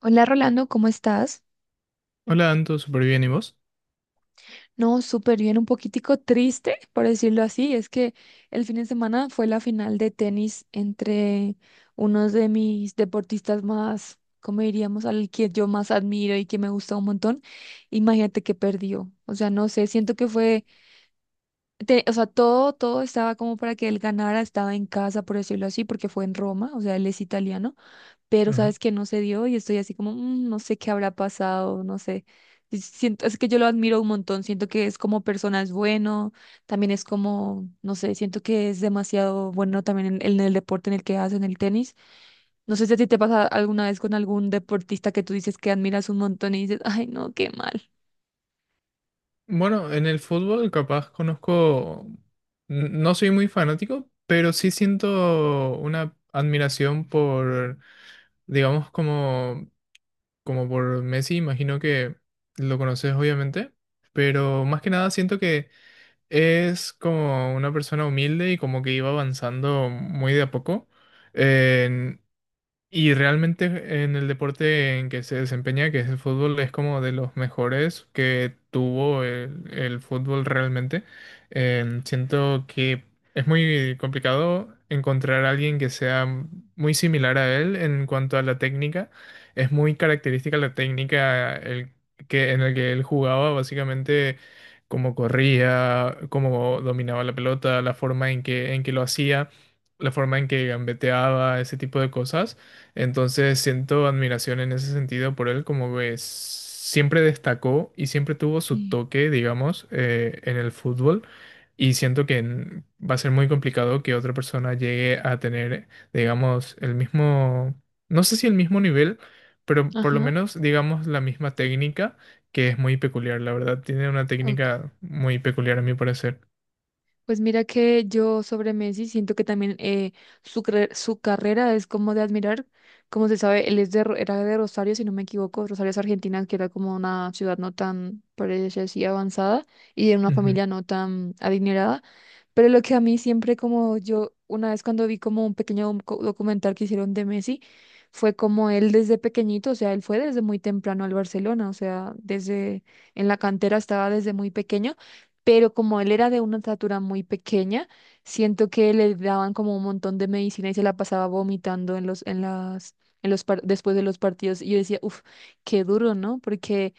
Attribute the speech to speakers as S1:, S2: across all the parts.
S1: Hola Rolando, ¿cómo estás?
S2: Hola, Anto, súper bien, ¿y vos?
S1: No, súper bien, un poquitico triste, por decirlo así. Es que el fin de semana fue la final de tenis entre unos de mis deportistas más, como diríamos, al que yo más admiro y que me gusta un montón. Imagínate que perdió. O sea, no sé, siento que fue, o sea, todo estaba como para que él ganara, estaba en casa, por decirlo así, porque fue en Roma, o sea, él es italiano. Pero
S2: Ujú.
S1: sabes que no se dio y estoy así como, "Mm, no sé qué habrá pasado, no sé." Y es que yo lo admiro un montón, siento que es como persona es bueno, también es como, no sé, siento que es demasiado bueno también en el deporte en el que hace en el tenis. No sé si a ti te pasa alguna vez con algún deportista que tú dices que admiras un montón y dices, ay, no, qué mal.
S2: Bueno, en el fútbol capaz conozco, no soy muy fanático, pero sí siento una admiración por, digamos, como, como por Messi, imagino que lo conoces obviamente, pero más que nada siento que es como una persona humilde y como que iba avanzando muy de a poco. Y realmente en el deporte en que se desempeña, que es el fútbol, es como de los mejores que tuvo el fútbol realmente. Siento que es muy complicado encontrar a alguien que sea muy similar a él en cuanto a la técnica. Es muy característica la técnica el, que, en la que él jugaba, básicamente cómo corría, cómo dominaba la pelota, la forma en que lo hacía, la forma en que gambeteaba, ese tipo de cosas. Entonces siento admiración en ese sentido por él, como que siempre destacó y siempre tuvo su
S1: Sí.
S2: toque, digamos, en el fútbol. Y siento que va a ser muy complicado que otra persona llegue a tener, digamos, el mismo, no sé si el mismo nivel, pero por lo
S1: Ajá,
S2: menos, digamos, la misma técnica, que es muy peculiar, la verdad. Tiene una
S1: ok.
S2: técnica muy peculiar a mi parecer.
S1: Pues mira que yo sobre Messi siento que también su carrera es como de admirar. Como se sabe, él era de Rosario, si no me equivoco. Rosario es Argentina, que era como una ciudad no tan, por decir así, avanzada y de una
S2: Ujú,
S1: familia no tan adinerada. Pero lo que a mí siempre como yo, una vez cuando vi como un pequeño documental que hicieron de Messi, fue como él desde pequeñito, o sea, él fue desde muy temprano al Barcelona, o sea, desde en la cantera estaba desde muy pequeño pero como él era de una estatura muy pequeña, siento que le daban como un montón de medicina y se la pasaba vomitando en los, en las, en los par- después de los partidos. Y yo decía, uff, qué duro, ¿no? Porque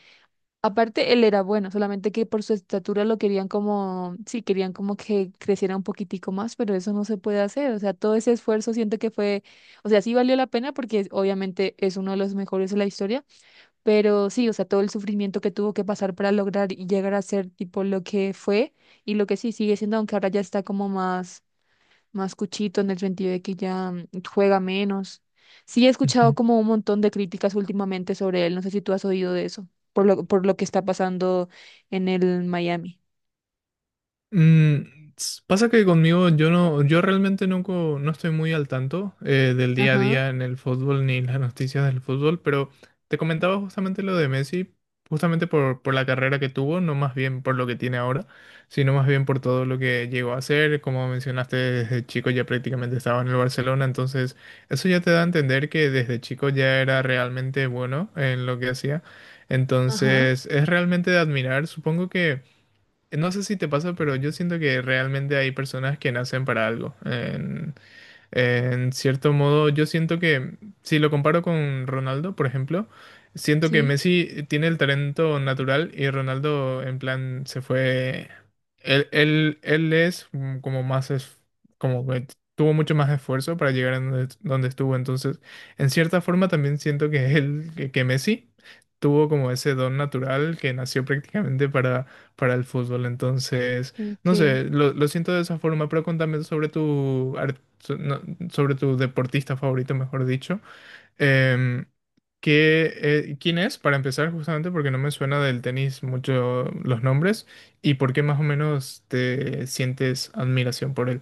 S1: aparte él era bueno, solamente que por su estatura lo querían como, sí, querían como que creciera un poquitico más, pero eso no se puede hacer. O sea, todo ese esfuerzo siento que fue, o sea, sí valió la pena porque obviamente es uno de los mejores de la historia pero sí, o sea, todo el sufrimiento que tuvo que pasar para lograr y llegar a ser tipo lo que fue y lo que sí sigue siendo, aunque ahora ya está como más, más cuchito en el sentido de que ya juega menos. Sí, he escuchado
S2: ujú.
S1: como un montón de críticas últimamente sobre él. No sé si tú has oído de eso, por lo que está pasando en el Miami.
S2: Mm, pasa que conmigo yo no, yo realmente no, no estoy muy al tanto del día a
S1: Ajá,
S2: día en el fútbol ni las noticias del fútbol, pero te comentaba justamente lo de Messi, justamente por la carrera que tuvo, no más bien por lo que tiene ahora, sino más bien por todo lo que llegó a hacer. Como mencionaste, desde chico ya prácticamente estaba en el Barcelona, entonces eso ya te da a entender que desde chico ya era realmente bueno en lo que hacía.
S1: ajá,
S2: Entonces es realmente de admirar, supongo que… No sé si te pasa, pero yo siento que realmente hay personas que nacen para algo. En cierto modo, yo siento que, si lo comparo con Ronaldo, por ejemplo, siento que
S1: sí,
S2: Messi tiene el talento natural y Ronaldo, en plan, se fue. Él es mm, como más. Como que tuvo mucho más esfuerzo para llegar a donde estuvo. Entonces, en cierta forma, también siento que él, que Messi tuvo como ese don natural que nació prácticamente para el fútbol. Entonces.
S1: ok.
S2: No sé, lo siento de esa forma, pero contame sobre tu, so- no, sobre tu deportista favorito, mejor dicho. Em, ¿Qué, quién es, para empezar, justamente porque no me suena del tenis mucho los nombres y por qué más o menos te sientes admiración por él?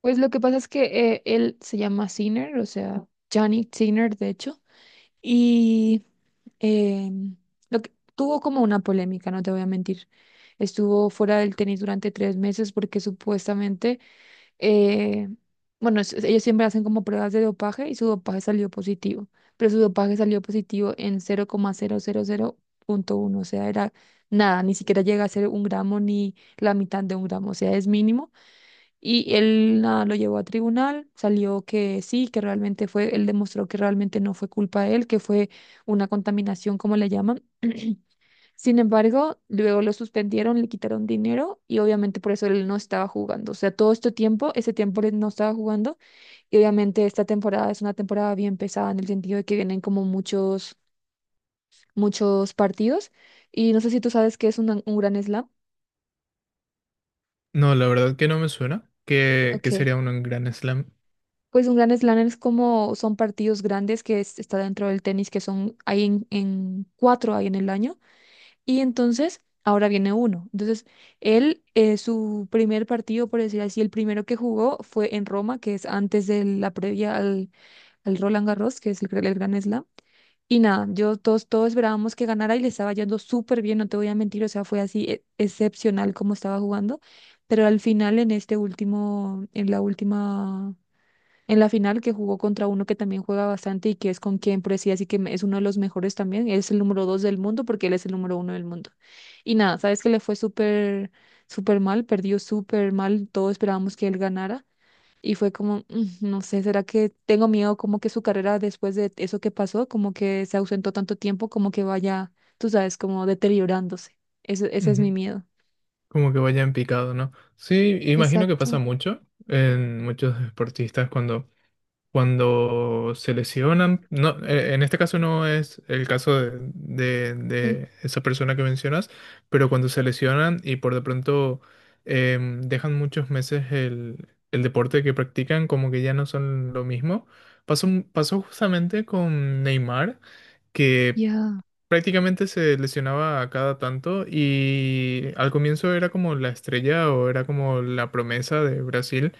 S1: Pues lo que pasa es que él se llama Sinner, o sea, Johnny Sinner, de hecho. Y eh, lo que, tuvo como una polémica, no te voy a mentir. Estuvo fuera del tenis durante 3 meses porque supuestamente, eh, bueno, ellos siempre hacen como pruebas de dopaje y su dopaje salió positivo, pero su dopaje salió positivo en cero coma cero cero cero coma punto uno, o sea, era nada, ni siquiera llega a ser un gramo ni la mitad de un gramo, o sea, es mínimo. Y él nada, lo llevó a tribunal, salió que sí, que realmente fue, él demostró que realmente no fue culpa de él, que fue una contaminación, como le llaman. Sin embargo, luego lo suspendieron, le quitaron dinero y obviamente por eso él no estaba jugando. O sea, todo este tiempo, ese tiempo él no estaba jugando y obviamente esta temporada es una temporada bien pesada en el sentido de que vienen como muchos partidos. Y no sé si tú sabes que es un gran slam.
S2: No, la verdad que no me suena, que
S1: Ok.
S2: sería uno en Grand Slam.
S1: Pues un gran slam es como son partidos grandes que está dentro del tenis, que son hay en cuatro hay en el año, y entonces ahora viene uno. Entonces, él, su primer partido, por decir así, el primero que jugó fue en Roma, que es antes de la previa al Roland Garros, que es el Gran Slam. Y nada, yo todos esperábamos que ganara y le estaba yendo súper bien, no te voy a mentir, o sea, fue así excepcional como estaba jugando, pero al final en este último, en la última en la final que jugó contra uno que también juega bastante y que es con quien Precias y que es uno de los mejores también. Él es el número dos del mundo porque él es el número uno del mundo. Y nada, sabes que le fue súper, súper mal, perdió súper mal, todos esperábamos que él ganara. Y fue como, "Mm, no sé, ¿será que tengo miedo como que su carrera después de eso que pasó, como que se ausentó tanto tiempo, como que vaya, tú sabes, como deteriorándose?" Ese es mi
S2: Ujú.
S1: miedo.
S2: Como que vaya en picado, ¿no? Sí, imagino que pasa
S1: Exacto,
S2: mucho en muchos deportistas cuando cuando se lesionan, no, en este caso no es el caso de,
S1: sí,
S2: de esa persona que mencionas, pero cuando se lesionan y por de pronto dejan muchos meses el deporte que practican, como que ya no son lo mismo. Pasó, pasó justamente con Neymar, que
S1: ya,
S2: prácticamente se lesionaba a cada tanto y al comienzo era como la estrella o era como la promesa de Brasil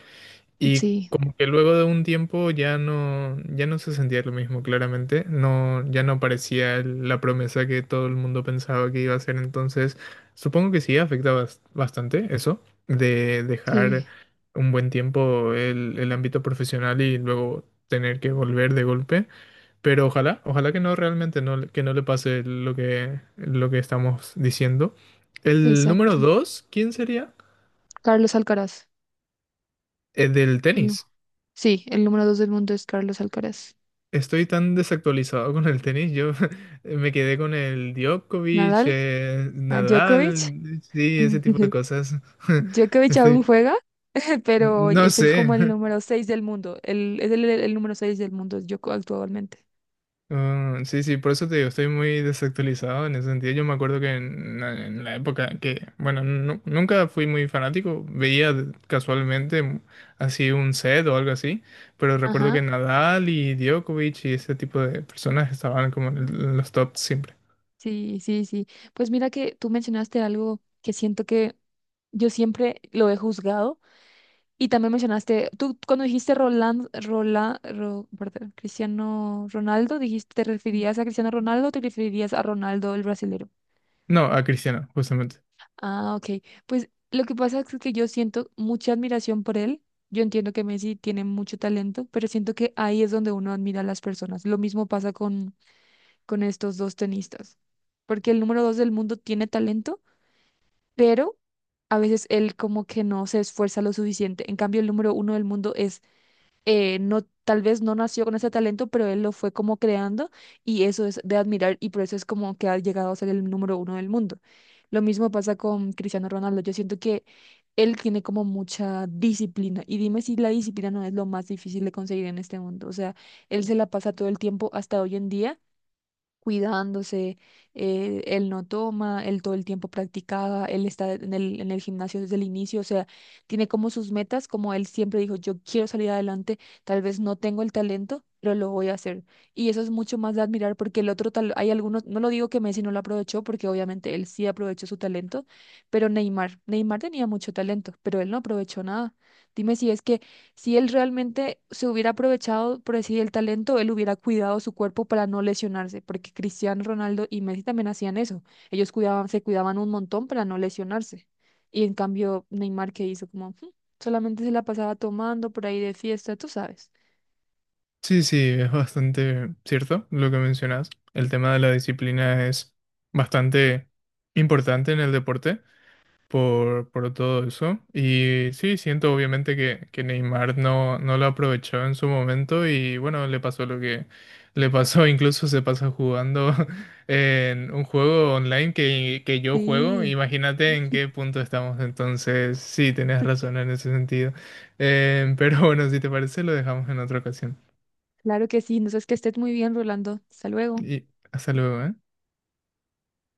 S2: y
S1: sí,
S2: como que luego de un tiempo ya no, ya no se sentía lo mismo, claramente. No, ya no parecía la promesa que todo el mundo pensaba que iba a ser. Entonces, supongo que sí afecta bastante eso, de
S1: sí,
S2: dejar un buen tiempo el ámbito profesional y luego tener que volver de golpe. Pero ojalá que no realmente no, que no le pase lo que estamos diciendo. El número
S1: exacto.
S2: dos, ¿quién sería?
S1: Carlos Alcaraz.
S2: El del tenis.
S1: Sí, el número dos del mundo es Carlos Alcaraz.
S2: Estoy tan desactualizado con el tenis. Yo me quedé con el Djokovic,
S1: Nadal, a Djokovic.
S2: Nadal, sí, ese tipo de cosas.
S1: Djokovic aún
S2: Estoy,
S1: juega, pero
S2: no
S1: es el
S2: sé.
S1: como el número 6 del mundo. Es el número 6 del mundo, yo actualmente.
S2: Ah, sí, sí, por eso te digo, estoy muy desactualizado en ese sentido. Yo me acuerdo que en la época que, bueno, nunca fui muy fanático, veía casualmente así un set o algo así, pero recuerdo
S1: Ajá.
S2: que Nadal y Djokovic y ese tipo de personas estaban como en los tops siempre.
S1: Sí, sí, sí. Pues mira que tú mencionaste algo que siento que yo siempre lo he juzgado. Y también mencionaste, tú cuando dijiste perdón, Cristiano Ronaldo, dijiste, ¿te referías a Cristiano Ronaldo o te referías a Ronaldo el brasileño?
S2: No, a Cristiano, justamente.
S1: Ah, ok. Pues lo que pasa es que yo siento mucha admiración por él. Yo entiendo que Messi tiene mucho talento, pero siento que ahí es donde uno admira a las personas. Lo mismo pasa con, estos dos tenistas, porque el número dos del mundo tiene talento, pero a veces él como que no se esfuerza lo suficiente. En cambio, el número uno del mundo es no, tal vez no nació con ese talento, pero él lo fue como creando y eso es de admirar y por eso es como que ha llegado a ser el número uno del mundo. Lo mismo pasa con Cristiano Ronaldo. Yo siento que él tiene como mucha disciplina y dime si la disciplina no es lo más difícil de conseguir en este mundo. O sea, él se la pasa todo el tiempo hasta hoy en día cuidándose, él no toma, él todo el tiempo practicaba, él está en el gimnasio desde el inicio, o sea, tiene como sus metas, como él siempre dijo, yo quiero salir adelante, tal vez no tengo el talento, pero lo voy a hacer. Y eso es mucho más de admirar porque el otro tal, hay algunos, no lo digo que Messi no lo aprovechó porque obviamente él sí aprovechó su talento, pero Neymar, Neymar tenía mucho talento, pero él no aprovechó nada. Dime si es que si él realmente se hubiera aprovechado, por decir, el talento, él hubiera cuidado su cuerpo para no lesionarse, porque Cristiano Ronaldo y Messi también hacían eso. Ellos cuidaban, se cuidaban un montón para no lesionarse. Y en cambio, Neymar, ¿qué hizo? Como, "Mm", solamente se la pasaba tomando por ahí de fiesta, tú sabes.
S2: Sí, sí, es bastante cierto lo que mencionas. El tema de la disciplina es bastante importante en el deporte por todo eso. Y sí, siento obviamente que Neymar no, no lo aprovechó en su momento y bueno, le pasó lo que le pasó. Incluso se pasa jugando en un juego online que yo juego.
S1: Sí,
S2: Imagínate en qué punto estamos. Entonces, sí, tenés razón en ese sentido. Pero bueno, si te parece, lo dejamos en otra ocasión.
S1: claro que sí. No sé, que estés muy bien, Rolando. Hasta luego.
S2: Y hasta luego, ¿eh?